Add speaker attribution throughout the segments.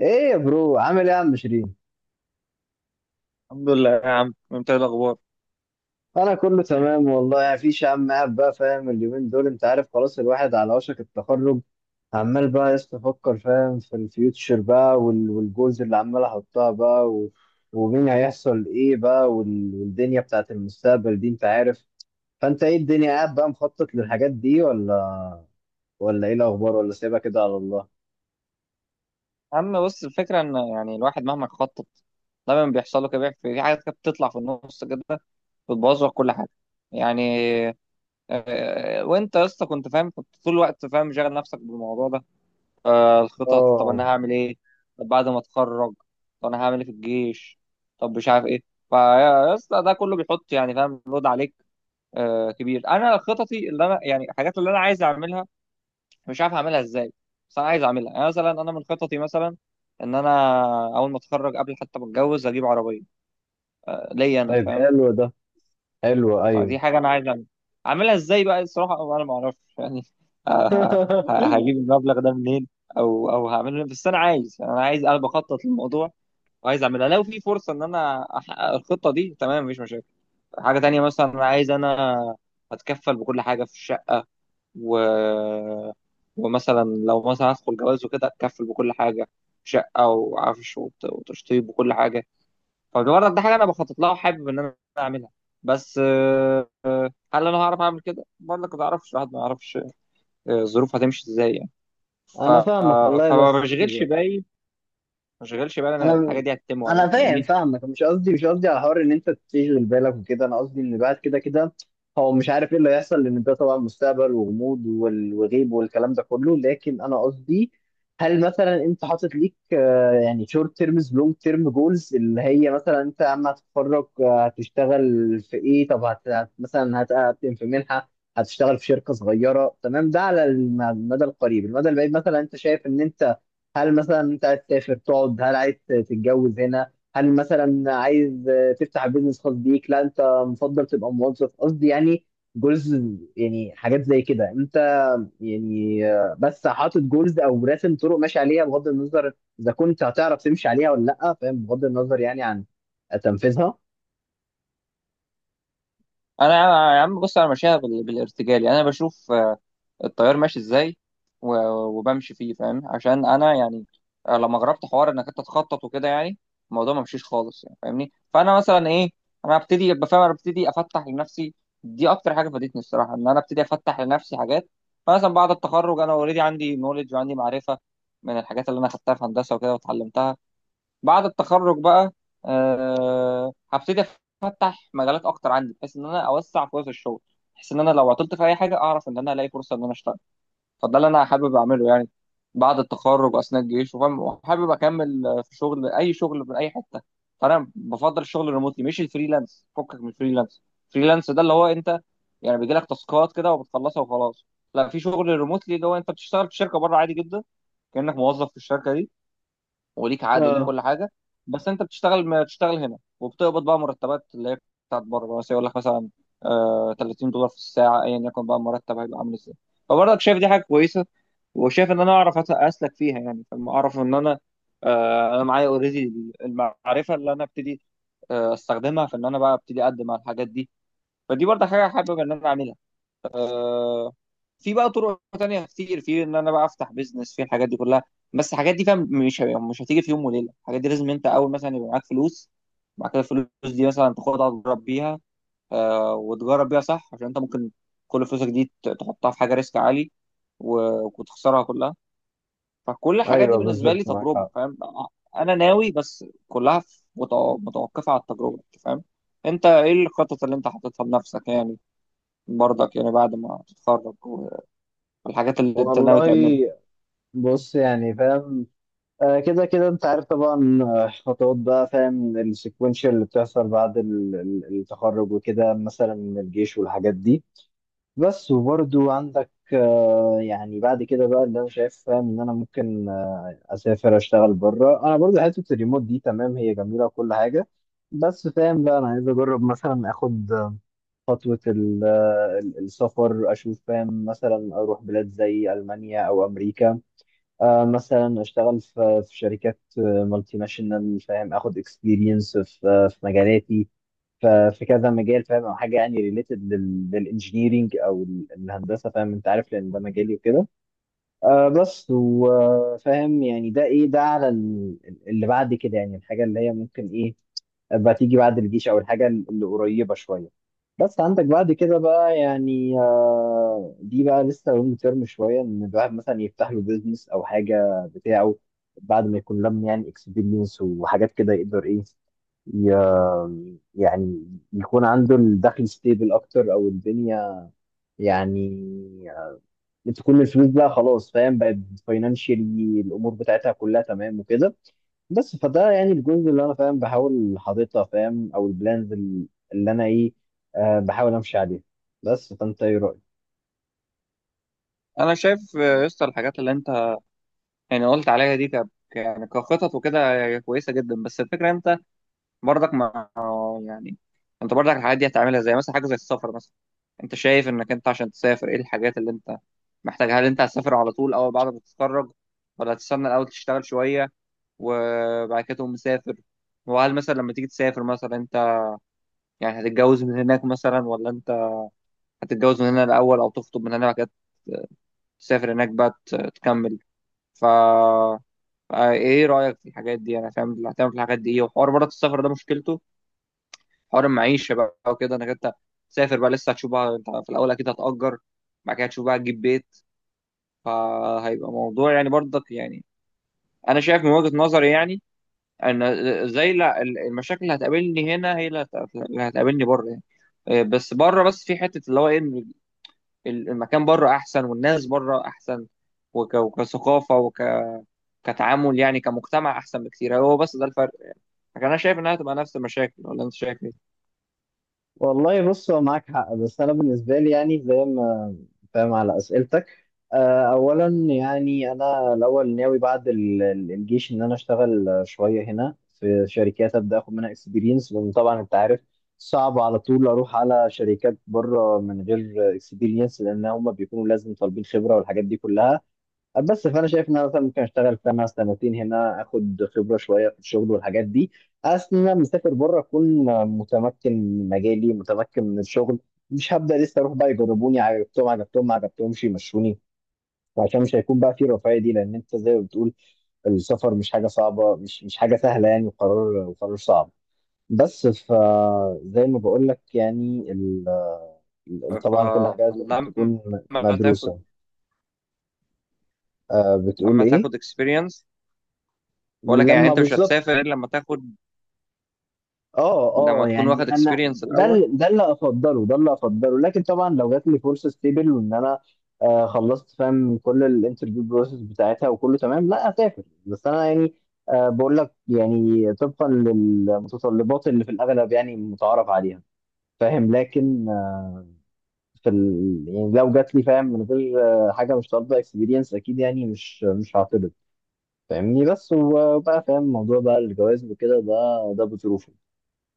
Speaker 1: ايه يا برو، عامل ايه يا عم شيرين؟
Speaker 2: الحمد لله يا عم، انت ايه الاخبار؟
Speaker 1: انا كله تمام والله، يعني مفيش يا عم، قاعد بقى فاهم اليومين دول، انت عارف، خلاص الواحد على وشك التخرج. عمال بقى يستفكر فاهم في الفيوتشر بقى، والجولز اللي عمال احطها بقى ومين هيحصل ايه بقى، والدنيا بتاعت المستقبل دي انت عارف. فانت ايه الدنيا، قاعد بقى مخطط للحاجات دي ولا ايه الاخبار، ولا سيبها كده على الله؟
Speaker 2: يا عم بص، الفكره ان يعني الواحد مهما خطط دايما بيحصل له كده، في حاجات كده بتطلع في النص كده، بتبوظ لك كل حاجه يعني. آه، وانت يا اسطى كنت فاهم؟ كنت طول الوقت فاهم شاغل نفسك بالموضوع ده؟ الخطط، طب
Speaker 1: اه،
Speaker 2: انا هعمل ايه؟ طب بعد ما اتخرج، طب انا هعمل ايه في الجيش؟ طب مش عارف ايه. فيا يا اسطى ده كله بيحط يعني فاهم لود عليك كبير. انا خططي اللي انا يعني الحاجات اللي انا عايز اعملها، مش عارف اعملها ازاي، بس انا عايز اعملها. يعني مثلا انا من خططي مثلا ان انا اول ما اتخرج قبل حتى ما اتجوز اجيب عربيه ليا انا
Speaker 1: طيب،
Speaker 2: فاهم.
Speaker 1: حلو ده، حلو، ايوه.
Speaker 2: فدي حاجه انا عايز اعملها. اعملها ازاي بقى الصراحه انا ما اعرفش يعني آه، ه- ه- هجيب المبلغ ده منين او هعمله. بس انا عايز يعني انا عايز انا بخطط للموضوع، وعايز اعملها لو في فرصه ان انا احقق الخطه دي، تمام مفيش مشاكل. حاجه تانية مثلا انا عايز انا اتكفل بكل حاجه في الشقه و... ومثلا لو مثلا هدخل جواز وكده اتكفل بكل حاجه، شقه وعفش وتشطيب وكل حاجه. فبرضك ده حاجه انا بخطط لها وحابب ان انا اعملها، بس هل انا هعرف اعمل كده؟ برضك ما اعرفش، الواحد ما يعرفش الظروف هتمشي ازاي يعني. ف...
Speaker 1: انا فاهمك
Speaker 2: آه،
Speaker 1: والله،
Speaker 2: فما
Speaker 1: بس
Speaker 2: بشغلش بالي، ما بشغلش بالي انا
Speaker 1: انا
Speaker 2: الحاجه دي هتتم ولا
Speaker 1: انا
Speaker 2: لا،
Speaker 1: فاهم
Speaker 2: فاهمني؟
Speaker 1: فاهمك مش قصدي على حوار ان انت تشغل بالك وكده. انا قصدي ان بعد كده كده هو مش عارف ايه اللي هيحصل، لان ده طبعا مستقبل وغموض، وغيب والكلام ده كله. لكن انا قصدي، هل مثلا انت حاطط ليك يعني شورت تيرمز، لونج تيرم جولز، اللي هي مثلا انت اما هتتخرج هتشتغل في ايه؟ طب هتقدم في منحة؟ هتشتغل في شركة صغيرة؟ تمام، ده على المدى القريب، المدى البعيد، مثلا انت شايف ان انت، هل مثلا انت عايز تسافر تقعد؟ هل عايز تتجوز هنا؟ هل مثلا عايز تفتح بيزنس خاص بيك، لا انت مفضل تبقى موظف؟ قصدي يعني جولز، يعني حاجات زي كده انت، يعني بس حاطط جولز او راسم طرق ماشي عليها، بغض النظر اذا كنت هتعرف تمشي عليها ولا لا، فاهم، بغض النظر يعني عن تنفيذها.
Speaker 2: انا يا عم بص، انا ماشيها بالارتجال يعني. انا بشوف التيار ماشي ازاي و- وبمشي فيه فاهم، عشان انا يعني لما جربت حوار انك انت تخطط وكده، يعني الموضوع ما مشيش خالص يعني فاهمني. فانا مثلا ايه، انا ابتدي ابقى فاهم، انا ابتدي افتح لنفسي. دي اكتر حاجه فادتني الصراحه، ان انا ابتدي افتح لنفسي حاجات. فمثلا بعد التخرج انا اوريدي عندي نولج وعندي معرفه من الحاجات اللي انا خدتها في هندسه وكده واتعلمتها. بعد التخرج بقى هبتدي افتح مجالات اكتر عندي، بحيث ان انا اوسع فرص الشغل، بحيث ان انا لو عطلت في اي حاجه اعرف ان انا الاقي فرصه ان انا اشتغل. فده اللي انا حابب اعمله يعني بعد التخرج واثناء الجيش، وفاهم وحابب اكمل في شغل، اي شغل من اي حته. فانا بفضل الشغل الريموتلي مش الفريلانس، فكك من الفريلانس. الفريلانس ده اللي هو انت يعني بيجي لك تاسكات كده وبتخلصها وخلاص. لا، في شغل ريموتلي اللي هو انت بتشتغل في شركه بره عادي جدا، كانك موظف في الشركه دي، وليك عقد وليك
Speaker 1: اه،
Speaker 2: كل حاجه. بس انت بتشتغل، ما بتشتغل هنا وبتقبض بقى مرتبات اللي هي بتاعت بره. بس يقول لك مثلا $30 في الساعه، ايا يكن بقى المرتب هيبقى عامل ازاي. فبرضك شايف دي حاجه كويسه، وشايف ان انا اعرف اسلك فيها يعني. فما اعرف ان انا انا معايا اوريدي المعرفه اللي انا ابتدي استخدمها في ان انا بقى ابتدي اقدم على الحاجات دي. فدي برضه حاجه حابب ان انا اعملها. آه في بقى طرق تانية كتير في ان انا بقى افتح بيزنس في الحاجات دي كلها. بس الحاجات دي فاهم مش هتيجي في يوم وليله، الحاجات دي لازم انت اول مثلا يبقى معاك فلوس، بعد كده الفلوس دي مثلا تاخدها تجرب بيها وتجرب بيها صح، عشان انت ممكن كل فلوسك دي تحطها في حاجه ريسك عالي وتخسرها كلها. فكل الحاجات دي
Speaker 1: ايوه،
Speaker 2: بالنسبه
Speaker 1: بالظبط
Speaker 2: لي
Speaker 1: معاك
Speaker 2: تجربه
Speaker 1: حق.
Speaker 2: فاهم. انا ناوي، بس كلها متوقفه على التجربه أنت فاهم. انت ايه الخطط اللي انت حاططها لنفسك يعني؟ برضك يعني بعد ما تتخرج، الحاجات اللي انت ناوي
Speaker 1: والله
Speaker 2: تعملها؟
Speaker 1: بص، يعني فاهم، كده كده انت عارف طبعا، خطوات بقى فاهم السيكونشال اللي بتحصل بعد التخرج وكده، مثلا من الجيش والحاجات دي. بس وبرضو عندك يعني بعد كده بقى اللي انا شايف فاهم ان انا ممكن اسافر اشتغل بره، انا برضو حته الريموت دي تمام، هي جميله وكل حاجه، بس فاهم بقى انا عايز اجرب مثلا اخد خطوه السفر، اشوف فاهم مثلا اروح بلاد زي المانيا او امريكا، مثلا اشتغل في شركات مالتي ناشونال، فاهم، اخد اكسبيرينس في مجالاتي، في كذا مجال، فاهم، او حاجه يعني ريليتد للانجينيرينج او الهندسه، فاهم، انت عارف لان ده مجالي وكده. بس وفاهم يعني ده ايه، ده على اللي بعد كده، يعني الحاجه اللي هي ممكن ايه بقى تيجي بعد الجيش، او الحاجه اللي قريبه شويه. بس عندك بعد كده بقى يعني دي بقى لسه لونج تيرم شويه، ان الواحد مثلا يفتح له بيزنس او حاجه بتاعه بعد ما يكون لم يعني اكسبيرينس وحاجات كده، يقدر ايه يعني يكون عنده الدخل ستيبل اكتر، او الدنيا يعني بتكون الفلوس بقى خلاص فاهم بقت فاينانشالي، الامور بتاعتها كلها تمام وكده. بس فده يعني الجزء اللي انا فاهم بحاول حاططها، فاهم، او البلانز اللي انا ايه، بحاول امشي عليها. بس فانت ايه رايك؟
Speaker 2: انا شايف يا اسطى الحاجات اللي انت يعني قلت عليها دي يعني كخطط وكده، هي كويسه جدا. بس الفكره انت برضك ما يعني، انت برضك الحاجات دي هتعملها زي مثلا حاجه زي السفر مثلا. انت شايف انك انت عشان تسافر ايه الحاجات اللي انت محتاجها؟ هل انت هتسافر على طول اول بعد ما تتخرج، ولا هتستنى الاول تشتغل شويه وبعد كده تقوم مسافر؟ وهل مثلا لما تيجي تسافر مثلا انت يعني هتتجوز من هناك مثلا، ولا انت هتتجوز من هنا الاول، او تخطب من هنا بعد كده تسافر هناك بقى تكمل؟ ف آه، ايه رأيك في الحاجات دي؟ انا فاهم اللي هتعمل في الحاجات دي ايه. وحوار برضه السفر ده مشكلته حوار المعيشة بقى وكده، انك انت تسافر بقى لسه هتشوف بقى، انت في الاول اكيد هتأجر، بعد كده هتشوف بقى تجيب بيت. فهيبقى موضوع يعني برضك يعني، انا شايف من وجهة نظري يعني ان زي لا المشاكل اللي هتقابلني هنا هي اللي هتقابلني بره يعني. بس بره بس في حتة اللي هو ايه، إن المكان بره احسن والناس بره احسن وكثقافة وكتعامل يعني كمجتمع احسن بكتير، هو بس ده الفرق. لكن انا شايف انها تبقى نفس المشاكل، ولا انت شايف ايه؟
Speaker 1: والله بص، هو معاك حق، بس انا بالنسبه لي يعني زي ما فاهم على أسئلتك. أولا يعني أنا الأول ناوي بعد الجيش إن أنا أشتغل شوية هنا في شركات، أبدأ أخد منها إكسبيرينس، لأن طبعا أنت عارف صعب على طول أروح على شركات بره من غير إكسبيرينس، لأن هم بيكونوا لازم طالبين خبرة والحاجات دي كلها. بس فانا شايف ان انا مثلا ممكن اشتغل فيها مثلا سنتين هنا، اخد خبره شويه في الشغل والحاجات دي، اصل انا مسافر بره اكون متمكن من مجالي، متمكن من الشغل، مش هبدا لسه اروح بقى يجربوني، عجبتهم عجبتهم ما عجبتهمش يمشوني، وعشان مش هيكون بقى في الرفاهيه دي، لان انت زي ما بتقول السفر مش حاجه صعبه، مش حاجه سهله يعني، وقرار صعب. بس فزي ما بقول لك يعني، طبعا كل حاجه لازم
Speaker 2: فلما
Speaker 1: تكون
Speaker 2: تاخد،
Speaker 1: مدروسه. بتقول
Speaker 2: لما
Speaker 1: ايه؟
Speaker 2: تاخد اكسبيرينس. بقول لك يعني
Speaker 1: لما
Speaker 2: انت مش
Speaker 1: بالظبط.
Speaker 2: هتسافر الا لما تاخد،
Speaker 1: اه،
Speaker 2: لما
Speaker 1: اه،
Speaker 2: تكون واخد
Speaker 1: يعني انا
Speaker 2: اكسبيرينس
Speaker 1: ده
Speaker 2: الاول.
Speaker 1: ده اللي افضله، ده اللي افضله، لكن طبعا لو جات لي فرصه ستيبل وان انا خلصت فاهم كل الانترفيو بروسيس بتاعتها وكله تمام، لا اسافر. بس انا يعني بقول لك، يعني طبقا للمتطلبات اللي في الاغلب يعني متعارف عليها، فاهم، لكن في يعني لو جات لي فاهم من غير حاجه مش طالبه اكسبيرينس، اكيد يعني مش هعترض، فاهمني؟ بس وبقى فاهم موضوع بقى الجواز وكده، ده بظروفه،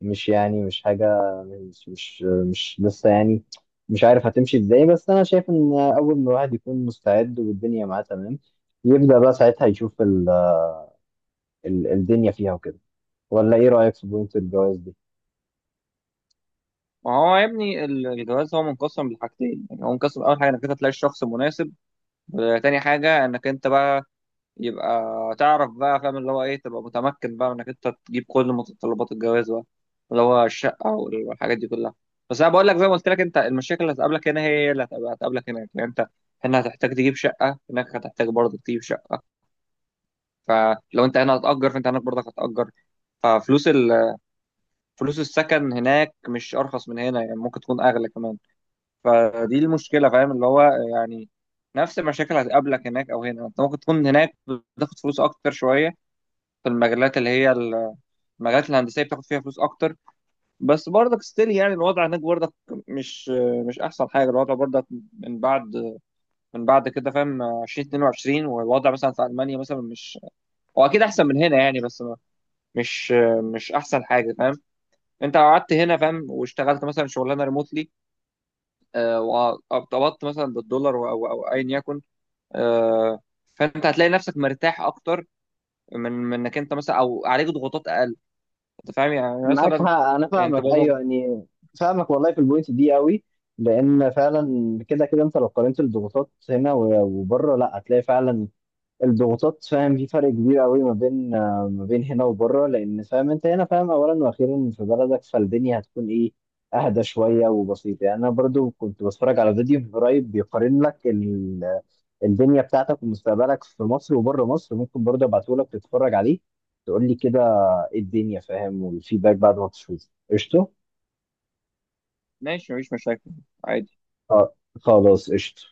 Speaker 1: مش يعني مش حاجة، مش مش مش لسه يعني، مش عارف هتمشي ازاي. بس انا شايف ان اول ما الواحد يكون مستعد والدنيا معاه تمام يبدأ بقى ساعتها يشوف ال الدنيا فيها وكده. ولا ايه رأيك في بوينت الجواز دي؟
Speaker 2: ما هو يا ابني الجواز هو منقسم لحاجتين يعني. هو منقسم، اول حاجه انك انت تلاقي الشخص المناسب، وتاني حاجه انك انت بقى يبقى تعرف بقى فاهم اللي هو ايه، تبقى متمكن بقى انك انت تجيب كل متطلبات الجواز بقى اللي هو الشقه والحاجات دي كلها. بس انا بقول لك زي ما قلت لك، انت المشاكل اللي هتقابلك هنا هي اللي هتقابلك هناك يعني. انت هنا هتحتاج تجيب شقه، هناك هتحتاج برضه تجيب شقه، فلو انت هنا هتأجر فانت هناك برضه هتأجر. ففلوس ال... فلوس السكن هناك مش ارخص من هنا يعني، ممكن تكون اغلى كمان. فدي المشكله فاهم اللي هو يعني نفس المشاكل هتقابلك هناك او هنا. انت ممكن تكون هناك بتاخد فلوس اكتر شويه في المجالات اللي هي المجالات الهندسيه بتاخد فيها فلوس اكتر. بس برضك ستيل يعني الوضع هناك برضك مش مش احسن حاجه. الوضع برضك من بعد من بعد كده فاهم 2022 والوضع مثلا في المانيا مثلا مش هو اكيد احسن من هنا يعني، بس مش مش احسن حاجه فاهم. انت لو قعدت هنا فاهم واشتغلت مثلا شغلانه ريموتلي وارتبطت مثلا بالدولار او او أو ايا يكن آه، فانت هتلاقي نفسك مرتاح اكتر من انك انت مثلا، او عليك ضغوطات اقل انت فاهم يعني
Speaker 1: معاك حق،
Speaker 2: مثلا.
Speaker 1: انا
Speaker 2: انت
Speaker 1: فاهمك،
Speaker 2: بابا،
Speaker 1: ايوه يعني، فاهمك والله في البوينت دي قوي، لان فعلا كده كده انت لو قارنت الضغوطات هنا وبره لا هتلاقي فعلا الضغوطات، فاهم، في فرق كبير قوي ما بين ما بين هنا وبره، لان فاهم انت هنا، فاهم، اولا واخيرا في بلدك، فالدنيا هتكون ايه، اهدى شويه وبسيطه يعني. انا برضو كنت بتفرج على فيديو من قريب بيقارن لك الدنيا بتاعتك ومستقبلك في مصر وبره مصر، ممكن برضو ابعته لك تتفرج عليه تقول لي كده ايه الدنيا، فاهم، والفيدباك بعد ما تشوف، قشطه.
Speaker 2: ماشي مفيش مشاكل عادي.
Speaker 1: آه، خلاص قشطه.